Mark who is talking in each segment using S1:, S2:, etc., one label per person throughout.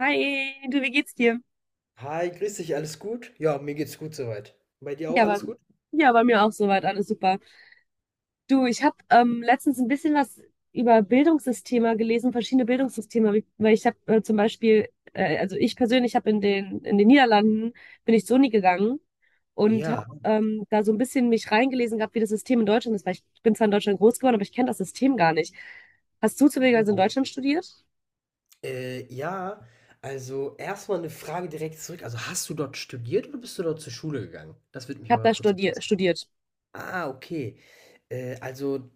S1: Hi, du, wie geht's dir?
S2: Hi, grüß dich, alles gut? Ja, mir geht's gut soweit. Bei dir
S1: Ja,
S2: auch
S1: aber,
S2: alles gut?
S1: ja, bei mir auch soweit, alles super. Du, ich habe letztens ein bisschen was über Bildungssysteme gelesen, verschiedene Bildungssysteme, weil ich habe zum Beispiel, also ich persönlich habe in den Niederlanden, bin ich zur Uni gegangen und habe
S2: Ja,
S1: da so ein bisschen mich reingelesen gehabt, wie das System in Deutschland ist, weil ich bin zwar in Deutschland groß geworden, aber ich kenne das System gar nicht. Hast du
S2: ja.
S1: zufälligerweise in Deutschland studiert? Ich
S2: Ja, also erstmal eine Frage direkt zurück. Also hast du dort studiert oder bist du dort zur Schule gegangen? Das würde mich
S1: habe
S2: aber
S1: da
S2: kurz
S1: studier
S2: interessieren.
S1: studiert.
S2: Ah, okay. Also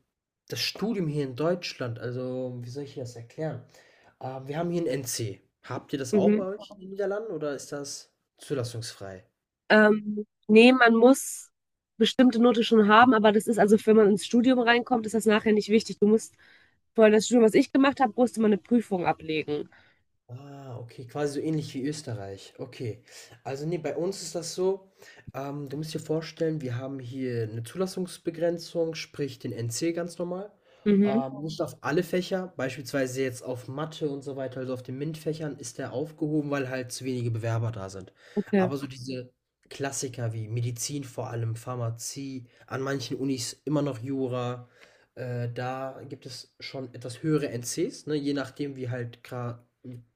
S2: das Studium hier in Deutschland, also wie soll ich dir das erklären? Wir haben hier ein NC. Habt ihr das auch bei euch in den Niederlanden oder ist das zulassungsfrei?
S1: Nee, man muss bestimmte Note schon haben, aber das ist also, wenn man ins Studium reinkommt, ist das nachher nicht wichtig. Du musst vorher das Studium, was ich gemacht habe, musste man eine Prüfung ablegen.
S2: Ah, okay, quasi so ähnlich wie Österreich. Okay. Also nee, bei uns ist das so, du musst dir vorstellen, wir haben hier eine Zulassungsbegrenzung, sprich den NC ganz normal.
S1: Mhm.
S2: Nicht auf alle Fächer, beispielsweise jetzt auf Mathe und so weiter, also auf den MINT-Fächern ist der aufgehoben, weil halt zu wenige Bewerber da sind.
S1: Okay.
S2: Aber so diese Klassiker wie Medizin vor allem, Pharmazie, an manchen Unis immer noch Jura, da gibt es schon etwas höhere NCs, ne, je nachdem, wie halt gra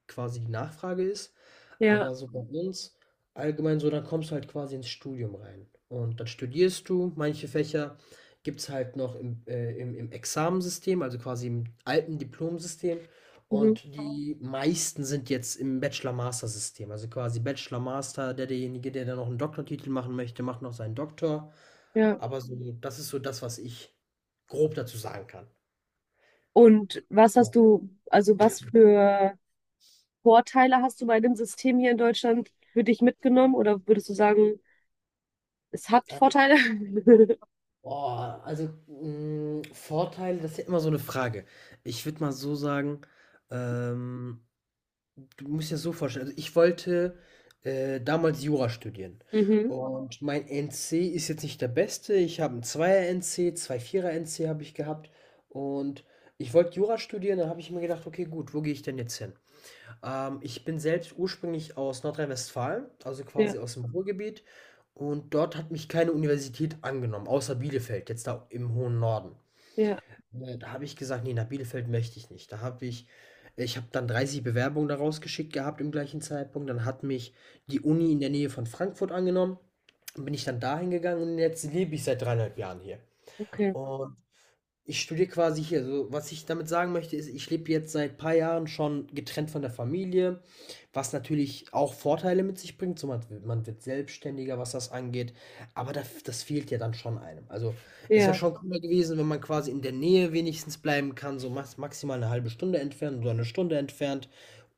S2: quasi die Nachfrage ist.
S1: Ja.
S2: Aber so bei uns allgemein so, dann kommst du halt quasi ins Studium rein. Und dann studierst du. Manche Fächer gibt es halt noch im Examensystem, also quasi im alten Diplomsystem.
S1: Mhm.
S2: Und die meisten sind jetzt im Bachelor-Master-System. Also quasi Bachelor-Master, derjenige, der dann noch einen Doktortitel machen möchte, macht noch seinen Doktor.
S1: Ja.
S2: Aber so, das ist so das, was ich grob dazu sagen kann.
S1: Und was hast du, also was für Vorteile hast du bei dem System hier in Deutschland für dich mitgenommen? Oder würdest du sagen, es hat
S2: Ja.
S1: Vorteile?
S2: Boah, also, Vorteile, das ist ja immer so eine Frage. Ich würde mal so sagen, ähm, du musst dir das so vorstellen, also ich wollte, damals Jura studieren,
S1: Mhm.
S2: und mein NC ist jetzt nicht der beste. Ich habe 'n 2er-NC, Zweier er nc 2 Vierer er nc habe ich gehabt, und ich wollte Jura studieren, dann habe ich mir gedacht: „Okay, gut, wo gehe ich denn jetzt hin?" Ich bin selbst ursprünglich aus Nordrhein-Westfalen, also
S1: Ja.
S2: quasi aus dem Ruhrgebiet, und dort hat mich keine Universität angenommen, außer Bielefeld, jetzt da im hohen Norden.
S1: Ja.
S2: Da habe ich gesagt: „Nee, nach Bielefeld möchte ich nicht." Da habe ich Ich habe dann 30 Bewerbungen da rausgeschickt gehabt im gleichen Zeitpunkt. Dann hat mich die Uni in der Nähe von Frankfurt angenommen. Dann bin ich dann dahin gegangen, und jetzt lebe ich seit 3,5 Jahren hier.
S1: Okay.
S2: Und ich studiere quasi hier. Also was ich damit sagen möchte, ist, ich lebe jetzt seit ein paar Jahren schon getrennt von der Familie, was natürlich auch Vorteile mit sich bringt. So, man wird selbstständiger, was das angeht. Aber da, das fehlt ja dann schon einem. Also, es wäre
S1: Ja.
S2: schon cooler gewesen, wenn man quasi in der Nähe wenigstens bleiben kann, so maximal eine halbe Stunde entfernt oder eine Stunde entfernt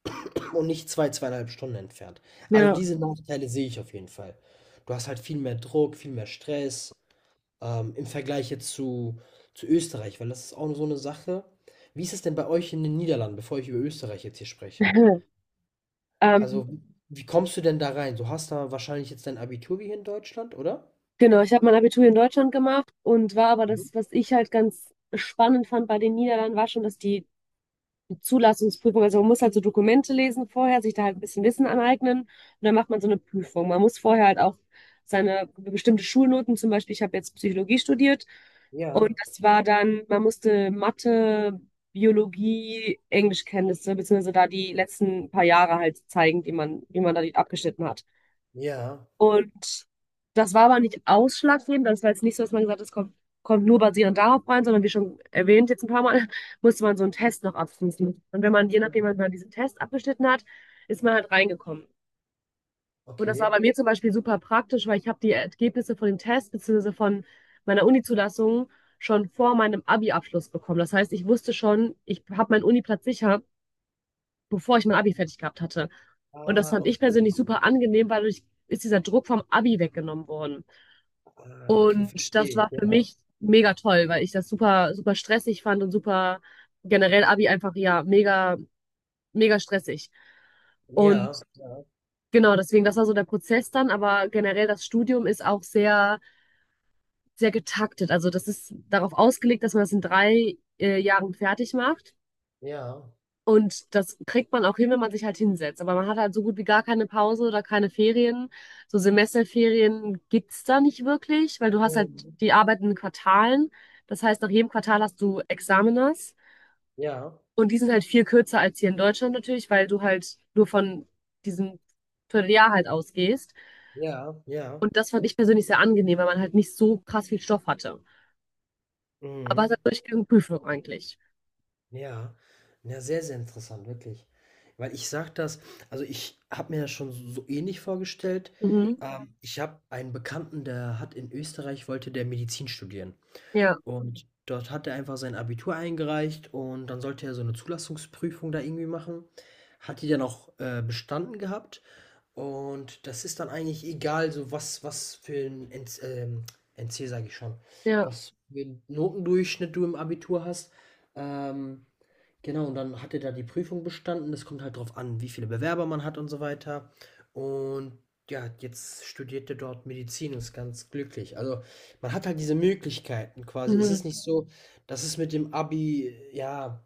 S2: und nicht zwei, 2,5 Stunden entfernt. Also,
S1: Ja.
S2: diese Nachteile sehe ich auf jeden Fall. Du hast halt viel mehr Druck, viel mehr Stress im Vergleich jetzt zu Österreich, weil das ist auch so eine Sache. Wie ist es denn bei euch in den Niederlanden, bevor ich über Österreich jetzt hier spreche?
S1: Ähm,
S2: Also, wie kommst du denn da rein? Du hast da wahrscheinlich jetzt dein Abitur wie hier in Deutschland, oder?
S1: Genau, ich habe mein Abitur in Deutschland gemacht und war aber
S2: Mhm.
S1: das, was ich halt ganz spannend fand bei den Niederlanden, war schon, dass die Zulassungsprüfung, also man muss halt so Dokumente lesen vorher, sich da halt ein bisschen Wissen aneignen und dann macht man so eine Prüfung. Man muss vorher halt auch seine bestimmte Schulnoten, zum Beispiel, ich habe jetzt Psychologie studiert und
S2: Ja,
S1: das war dann, man musste Mathe, Biologie, Englischkenntnisse, beziehungsweise da die letzten paar Jahre halt zeigen, die man, wie man da die abgeschnitten hat.
S2: ja,
S1: Und das war aber nicht ausschlaggebend. Das war jetzt nicht so, dass man gesagt hat, es kommt nur basierend darauf rein, sondern wie schon erwähnt jetzt ein paar Mal, musste man so einen Test noch abschließen. Und wenn man, je
S2: ja,
S1: nachdem, wenn man diesen Test abgeschnitten hat, ist man halt reingekommen. Und das war
S2: okay.
S1: bei mir zum Beispiel super praktisch, weil ich habe die Ergebnisse von dem Test beziehungsweise von meiner Uni-Zulassung schon vor meinem Abi-Abschluss bekommen. Das heißt, ich wusste schon, ich habe meinen Uni-Platz sicher, bevor ich mein Abi fertig gehabt hatte. Und das
S2: Ah,
S1: fand ich
S2: okay.
S1: persönlich super angenehm, weil dadurch ist dieser Druck vom Abi weggenommen worden.
S2: Ah, okay,
S1: Und das
S2: verstehe.
S1: war für
S2: Ja,
S1: mich mega toll, weil ich das super, super stressig fand und super generell Abi einfach, ja, mega, mega stressig. Und
S2: ja, ja,
S1: genau, deswegen, das war so der Prozess dann, aber generell das Studium ist auch sehr, sehr getaktet. Also das ist darauf ausgelegt, dass man das in 3 Jahren fertig macht.
S2: ja.
S1: Und das kriegt man auch hin, wenn man sich halt hinsetzt. Aber man hat halt so gut wie gar keine Pause oder keine Ferien. So Semesterferien gibt's da nicht wirklich, weil du hast halt
S2: Mhm.
S1: die Arbeit in Quartalen. Das heißt, nach jedem Quartal hast du Examiners.
S2: Ja,
S1: Und die sind halt viel kürzer als hier in Deutschland natürlich, weil du halt nur von diesem Vierteljahr halt ausgehst.
S2: ja, ja.
S1: Und das fand ich persönlich sehr angenehm, weil man halt nicht so krass viel Stoff hatte. Aber es
S2: Mhm.
S1: hat durchgehend Prüfung eigentlich.
S2: Ja, ja, sehr, sehr interessant, wirklich. Weil ich sage das, also ich habe mir das schon so ähnlich vorgestellt.
S1: Mhm.
S2: Mhm. Ich habe einen Bekannten, der hat in Österreich, wollte der Medizin studieren.
S1: Ja,
S2: Und dort hat er einfach sein Abitur eingereicht, und dann sollte er so eine Zulassungsprüfung da irgendwie machen. Hat die dann auch bestanden gehabt. Und das ist dann eigentlich egal, so was, was für ein NC, NC sage ich schon,
S1: ja,
S2: was für einen Notendurchschnitt du im Abitur hast. Ähm, Genau, und dann hat er da die Prüfung bestanden. Es kommt halt drauf an, wie viele Bewerber man hat und so weiter. Und ja, jetzt studiert er dort Medizin und ist ganz glücklich. Also man hat halt diese Möglichkeiten quasi. Es
S1: mhm.
S2: ist nicht so, dass es mit dem Abi, ja,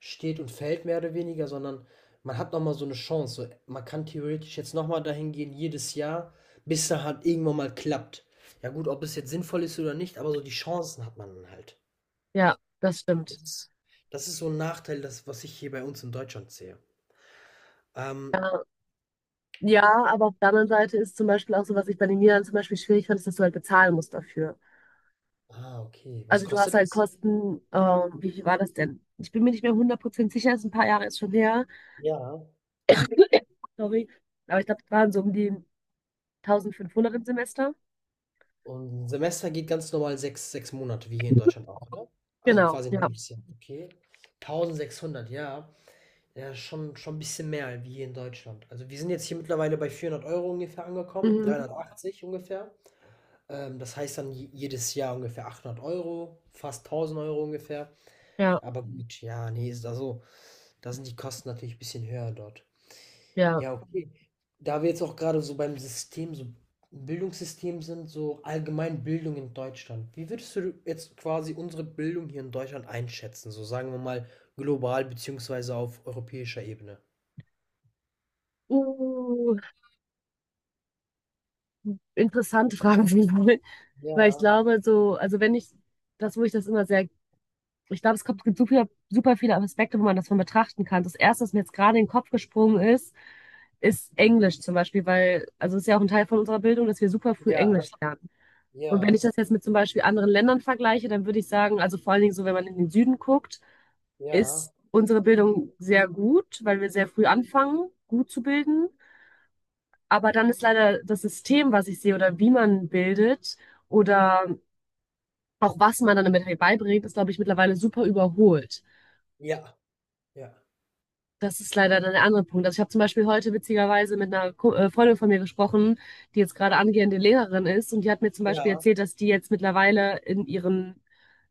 S2: steht und fällt mehr oder weniger, sondern man hat nochmal so eine Chance. So, man kann theoretisch jetzt nochmal dahin gehen, jedes Jahr, bis da halt irgendwann mal klappt. Ja gut, ob es jetzt sinnvoll ist oder nicht, aber so die Chancen hat man halt.
S1: Ja, das stimmt.
S2: Das ist das ist so ein Nachteil, das, was ich hier bei uns in Deutschland sehe. Ähm,
S1: Ja. Ja, aber auf der anderen Seite ist zum Beispiel auch so, was ich bei den Niederlanden zum Beispiel schwierig fand, ist, dass du halt bezahlen musst dafür.
S2: ah, okay. Was
S1: Also du hast
S2: kostet
S1: halt
S2: das?
S1: Kosten, wie viel war das denn? Ich bin mir nicht mehr 100% sicher, ist ein paar Jahre ist schon her.
S2: Ja,
S1: Sorry. Aber ich glaube, das waren so um die 1500 im Semester.
S2: und 'n Semester geht ganz normal sechs Monate, wie hier in Deutschland auch, oder? Also,
S1: Genau,
S2: quasi ein
S1: ja.
S2: halbes Jahr. Okay. 1600, ja. Ja, schon 'n bisschen mehr wie hier in Deutschland. Also, wir sind jetzt hier mittlerweile bei 400 Euro ungefähr angekommen,
S1: Mhm.
S2: 380 ungefähr. Das heißt dann je jedes Jahr ungefähr 800 Euro, fast 1000 Euro ungefähr.
S1: Ja,
S2: Aber gut, ja, nee, ist also da sind die Kosten natürlich ein bisschen höher dort.
S1: ja.
S2: Ja, okay. Da wir jetzt auch gerade so beim System, so Bildungssystem sind, so allgemein Bildung in Deutschland. Wie würdest du jetzt quasi unsere Bildung hier in Deutschland einschätzen? So sagen wir mal global beziehungsweise auf europäischer Ebene.
S1: Uh, interessante Fragen, weil ich
S2: Ja,
S1: glaube, so, also wenn ich, das, wo ich das immer sehr ich glaube, es kommt, gibt super, super viele Aspekte, wo man das von betrachten kann. Das erste, was mir jetzt gerade in den Kopf gesprungen ist, ist Englisch zum Beispiel, weil, also es ist ja auch ein Teil von unserer Bildung, dass wir super früh
S2: ja,
S1: Englisch lernen.
S2: ja,
S1: Und wenn ich das jetzt mit zum Beispiel anderen Ländern vergleiche, dann würde ich sagen, also vor allen Dingen so, wenn man in den Süden guckt,
S2: ja,
S1: ist unsere Bildung sehr gut, weil wir sehr früh anfangen, gut zu bilden. Aber dann ist leider das System, was ich sehe, oder wie man bildet, oder auch was man dann damit halt beibringt, ist, glaube ich, mittlerweile super überholt.
S2: ja, ja,
S1: Das ist leider dann der andere Punkt. Also ich habe zum Beispiel heute witzigerweise mit einer Freundin von mir gesprochen, die jetzt gerade angehende Lehrerin ist und die hat mir zum Beispiel
S2: ja,
S1: erzählt, dass die jetzt mittlerweile in ihren,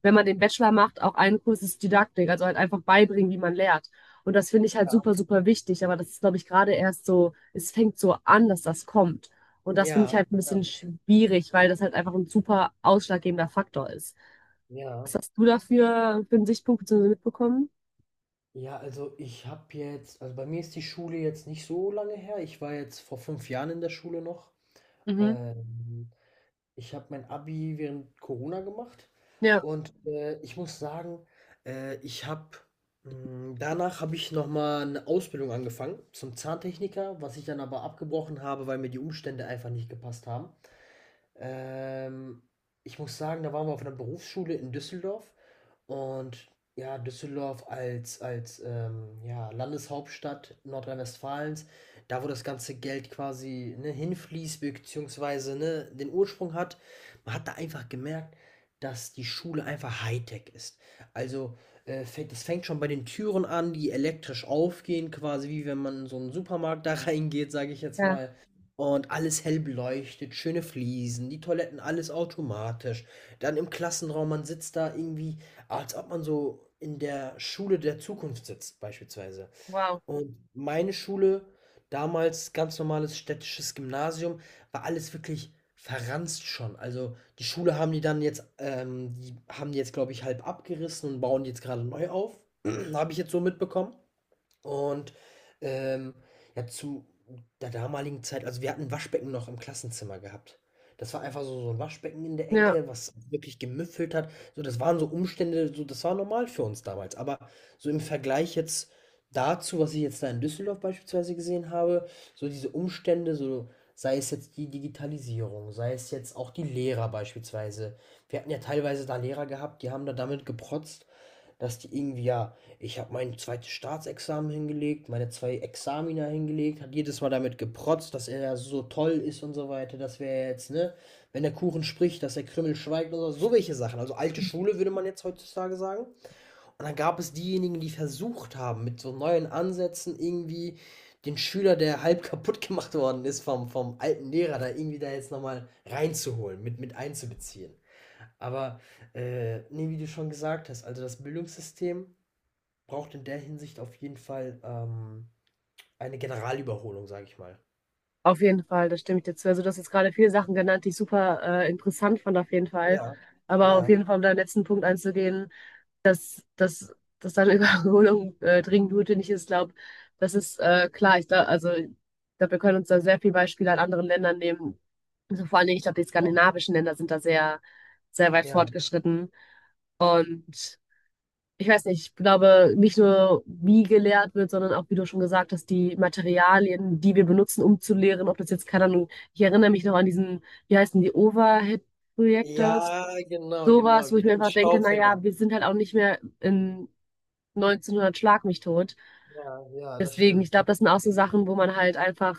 S1: wenn man den Bachelor macht, auch einen Kurs ist Didaktik, also halt einfach beibringen, wie man lehrt. Und das finde ich halt super, super wichtig, aber das ist, glaube ich, gerade erst so, es fängt so an, dass das kommt. Und das finde ich
S2: ja,
S1: halt ein
S2: ja. Ja,
S1: bisschen schwierig, weil das halt einfach ein super ausschlaggebender Faktor ist. Was
S2: ja.
S1: hast du dafür für einen Sichtpunkt beziehungsweise mitbekommen?
S2: Ja, also ich habe jetzt, also bei mir ist die Schule jetzt nicht so lange her. Ich war jetzt vor 5 Jahren in der Schule noch.
S1: Mhm.
S2: Ähm, Ich habe mein Abi während Corona gemacht,
S1: Ja,
S2: und, ich muss sagen, äh, ich habe danach habe ich noch mal eine Ausbildung angefangen zum Zahntechniker, was ich dann aber abgebrochen habe, weil mir die Umstände einfach nicht gepasst haben. Ähm, Ich muss sagen, da waren wir auf einer Berufsschule in Düsseldorf, und ja, Düsseldorf als, ja, Landeshauptstadt Nordrhein-Westfalens, da wo das ganze Geld quasi, ne, hinfließt, beziehungsweise, ne, den Ursprung hat, man hat da einfach gemerkt, dass die Schule einfach Hightech ist. Also das fängt schon bei den Türen an, die elektrisch aufgehen, quasi wie wenn man in so einen Supermarkt da reingeht, sage ich jetzt
S1: ja,
S2: mal. Und alles hell beleuchtet, schöne Fliesen, die Toiletten, alles automatisch. Dann im Klassenraum, man sitzt da irgendwie, als ob man so in der Schule der Zukunft sitzt, beispielsweise.
S1: wow,
S2: Und meine Schule, damals ganz normales städtisches Gymnasium, war alles wirklich verranzt schon. Also, die haben die jetzt, glaube ich, halb abgerissen und bauen die jetzt gerade neu auf, habe ich jetzt so mitbekommen. Und, ähm, ja, zu der damaligen Zeit also, wir hatten 'n Waschbecken noch im Klassenzimmer gehabt. Das war einfach so ein Waschbecken in der
S1: ja.
S2: Ecke, was wirklich gemüffelt hat. So, das waren so Umstände, so das war normal für uns damals. Aber so im Vergleich jetzt dazu, was ich jetzt da in Düsseldorf beispielsweise gesehen habe, so diese Umstände, so sei es jetzt die Digitalisierung, sei es jetzt auch die Lehrer beispielsweise. Wir hatten ja teilweise da Lehrer gehabt, die haben da damit geprotzt, dass die irgendwie, ja, ich habe mein zweites Staatsexamen hingelegt, meine zwei Examina hingelegt, hat jedes Mal damit geprotzt, dass er ja so toll ist und so weiter, dass wir jetzt, ne, wenn der Kuchen spricht, dass der Krümmel schweigt, oder so, so welche Sachen. Also alte Schule würde man jetzt heutzutage sagen. Und dann gab es diejenigen, die versucht haben, mit so neuen Ansätzen irgendwie den Schüler, der halb kaputt gemacht worden ist vom alten Lehrer, da irgendwie da jetzt nochmal reinzuholen, mit einzubeziehen. Aber, nee, wie du schon gesagt hast, also das Bildungssystem braucht in der Hinsicht auf jeden Fall, eine Generalüberholung, sage ich mal.
S1: Auf jeden Fall, das stimme ich dir zu. Also, du hast jetzt gerade viele Sachen genannt, die ich super interessant fand, auf jeden Fall.
S2: Ja,
S1: Aber auf
S2: ja,
S1: jeden Fall, um deinen letzten Punkt einzugehen, dass, dass, dass deine Überholung dringend notwendig ist, glaube, das ist klar. Ich glaube, also, ich glaube, wir können uns da sehr viele Beispiele an anderen Ländern nehmen. Also, vor allen Dingen, ich glaube, die
S2: ja.
S1: skandinavischen Länder sind da sehr, sehr weit
S2: Ja.
S1: fortgeschritten. Und ich weiß nicht, ich glaube, nicht nur wie gelehrt wird, sondern auch, wie du schon gesagt hast, die Materialien, die wir benutzen, um zu lehren, ob das jetzt, keine Ahnung, ich erinnere mich noch an diesen, wie heißen die, Overhead-Projektors,
S2: Ja, genau, genau,
S1: sowas, wo ich mir
S2: diese
S1: einfach denke, naja,
S2: Staubfänger.
S1: wir sind halt auch nicht mehr in 1900 Schlag mich tot.
S2: Ja, ja, das
S1: Deswegen, ich
S2: stimmt.
S1: glaube, das sind auch so Sachen, wo man halt einfach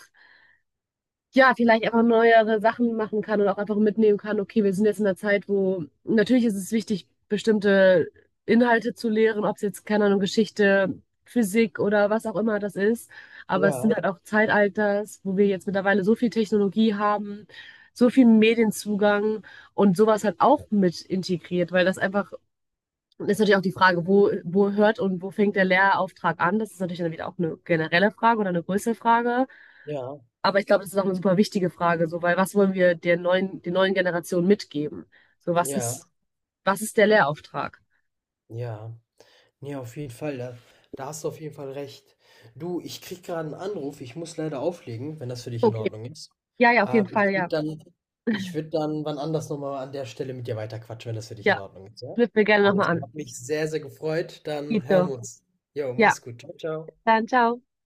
S1: ja, vielleicht einfach neuere Sachen machen kann und auch einfach mitnehmen kann, okay, wir sind jetzt in einer Zeit, wo natürlich ist es wichtig, bestimmte Inhalte zu lehren, ob es jetzt, keine Ahnung, Geschichte, Physik oder was auch immer das ist. Aber es sind
S2: Ja,
S1: halt auch Zeitalters, wo wir jetzt mittlerweile so viel Technologie haben, so viel Medienzugang und sowas halt auch mit integriert, weil das einfach, das ist natürlich auch die Frage, wo, wo hört und wo fängt der Lehrauftrag an? Das ist natürlich dann wieder auch eine generelle Frage oder eine größere Frage.
S2: ja,
S1: Aber ich glaube, das ist auch eine super wichtige Frage, so, weil was wollen wir der neuen Generation mitgeben? So,
S2: ja. Ja,
S1: was ist der Lehrauftrag?
S2: ja. Ja, auf jeden Fall. Da hast du auf jeden Fall recht. Du, ich krieg gerade einen Anruf. Ich muss leider auflegen, wenn das für dich in
S1: Okay.
S2: Ordnung ist.
S1: Ja, ja, auf jeden
S2: Ähm,
S1: Fall,
S2: ich würde
S1: ja.
S2: dann, Ich würde dann wann anders nochmal an der Stelle mit dir weiterquatschen, wenn das für dich in
S1: Ja,
S2: Ordnung ist, ja?
S1: knüpfen wir gerne
S2: Alles
S1: nochmal
S2: klar.
S1: an.
S2: Hat mich sehr, sehr gefreut. Dann hören
S1: Tito.
S2: wir uns. Jo,
S1: Ja,
S2: mach's gut. Ciao, ciao.
S1: dann ciao.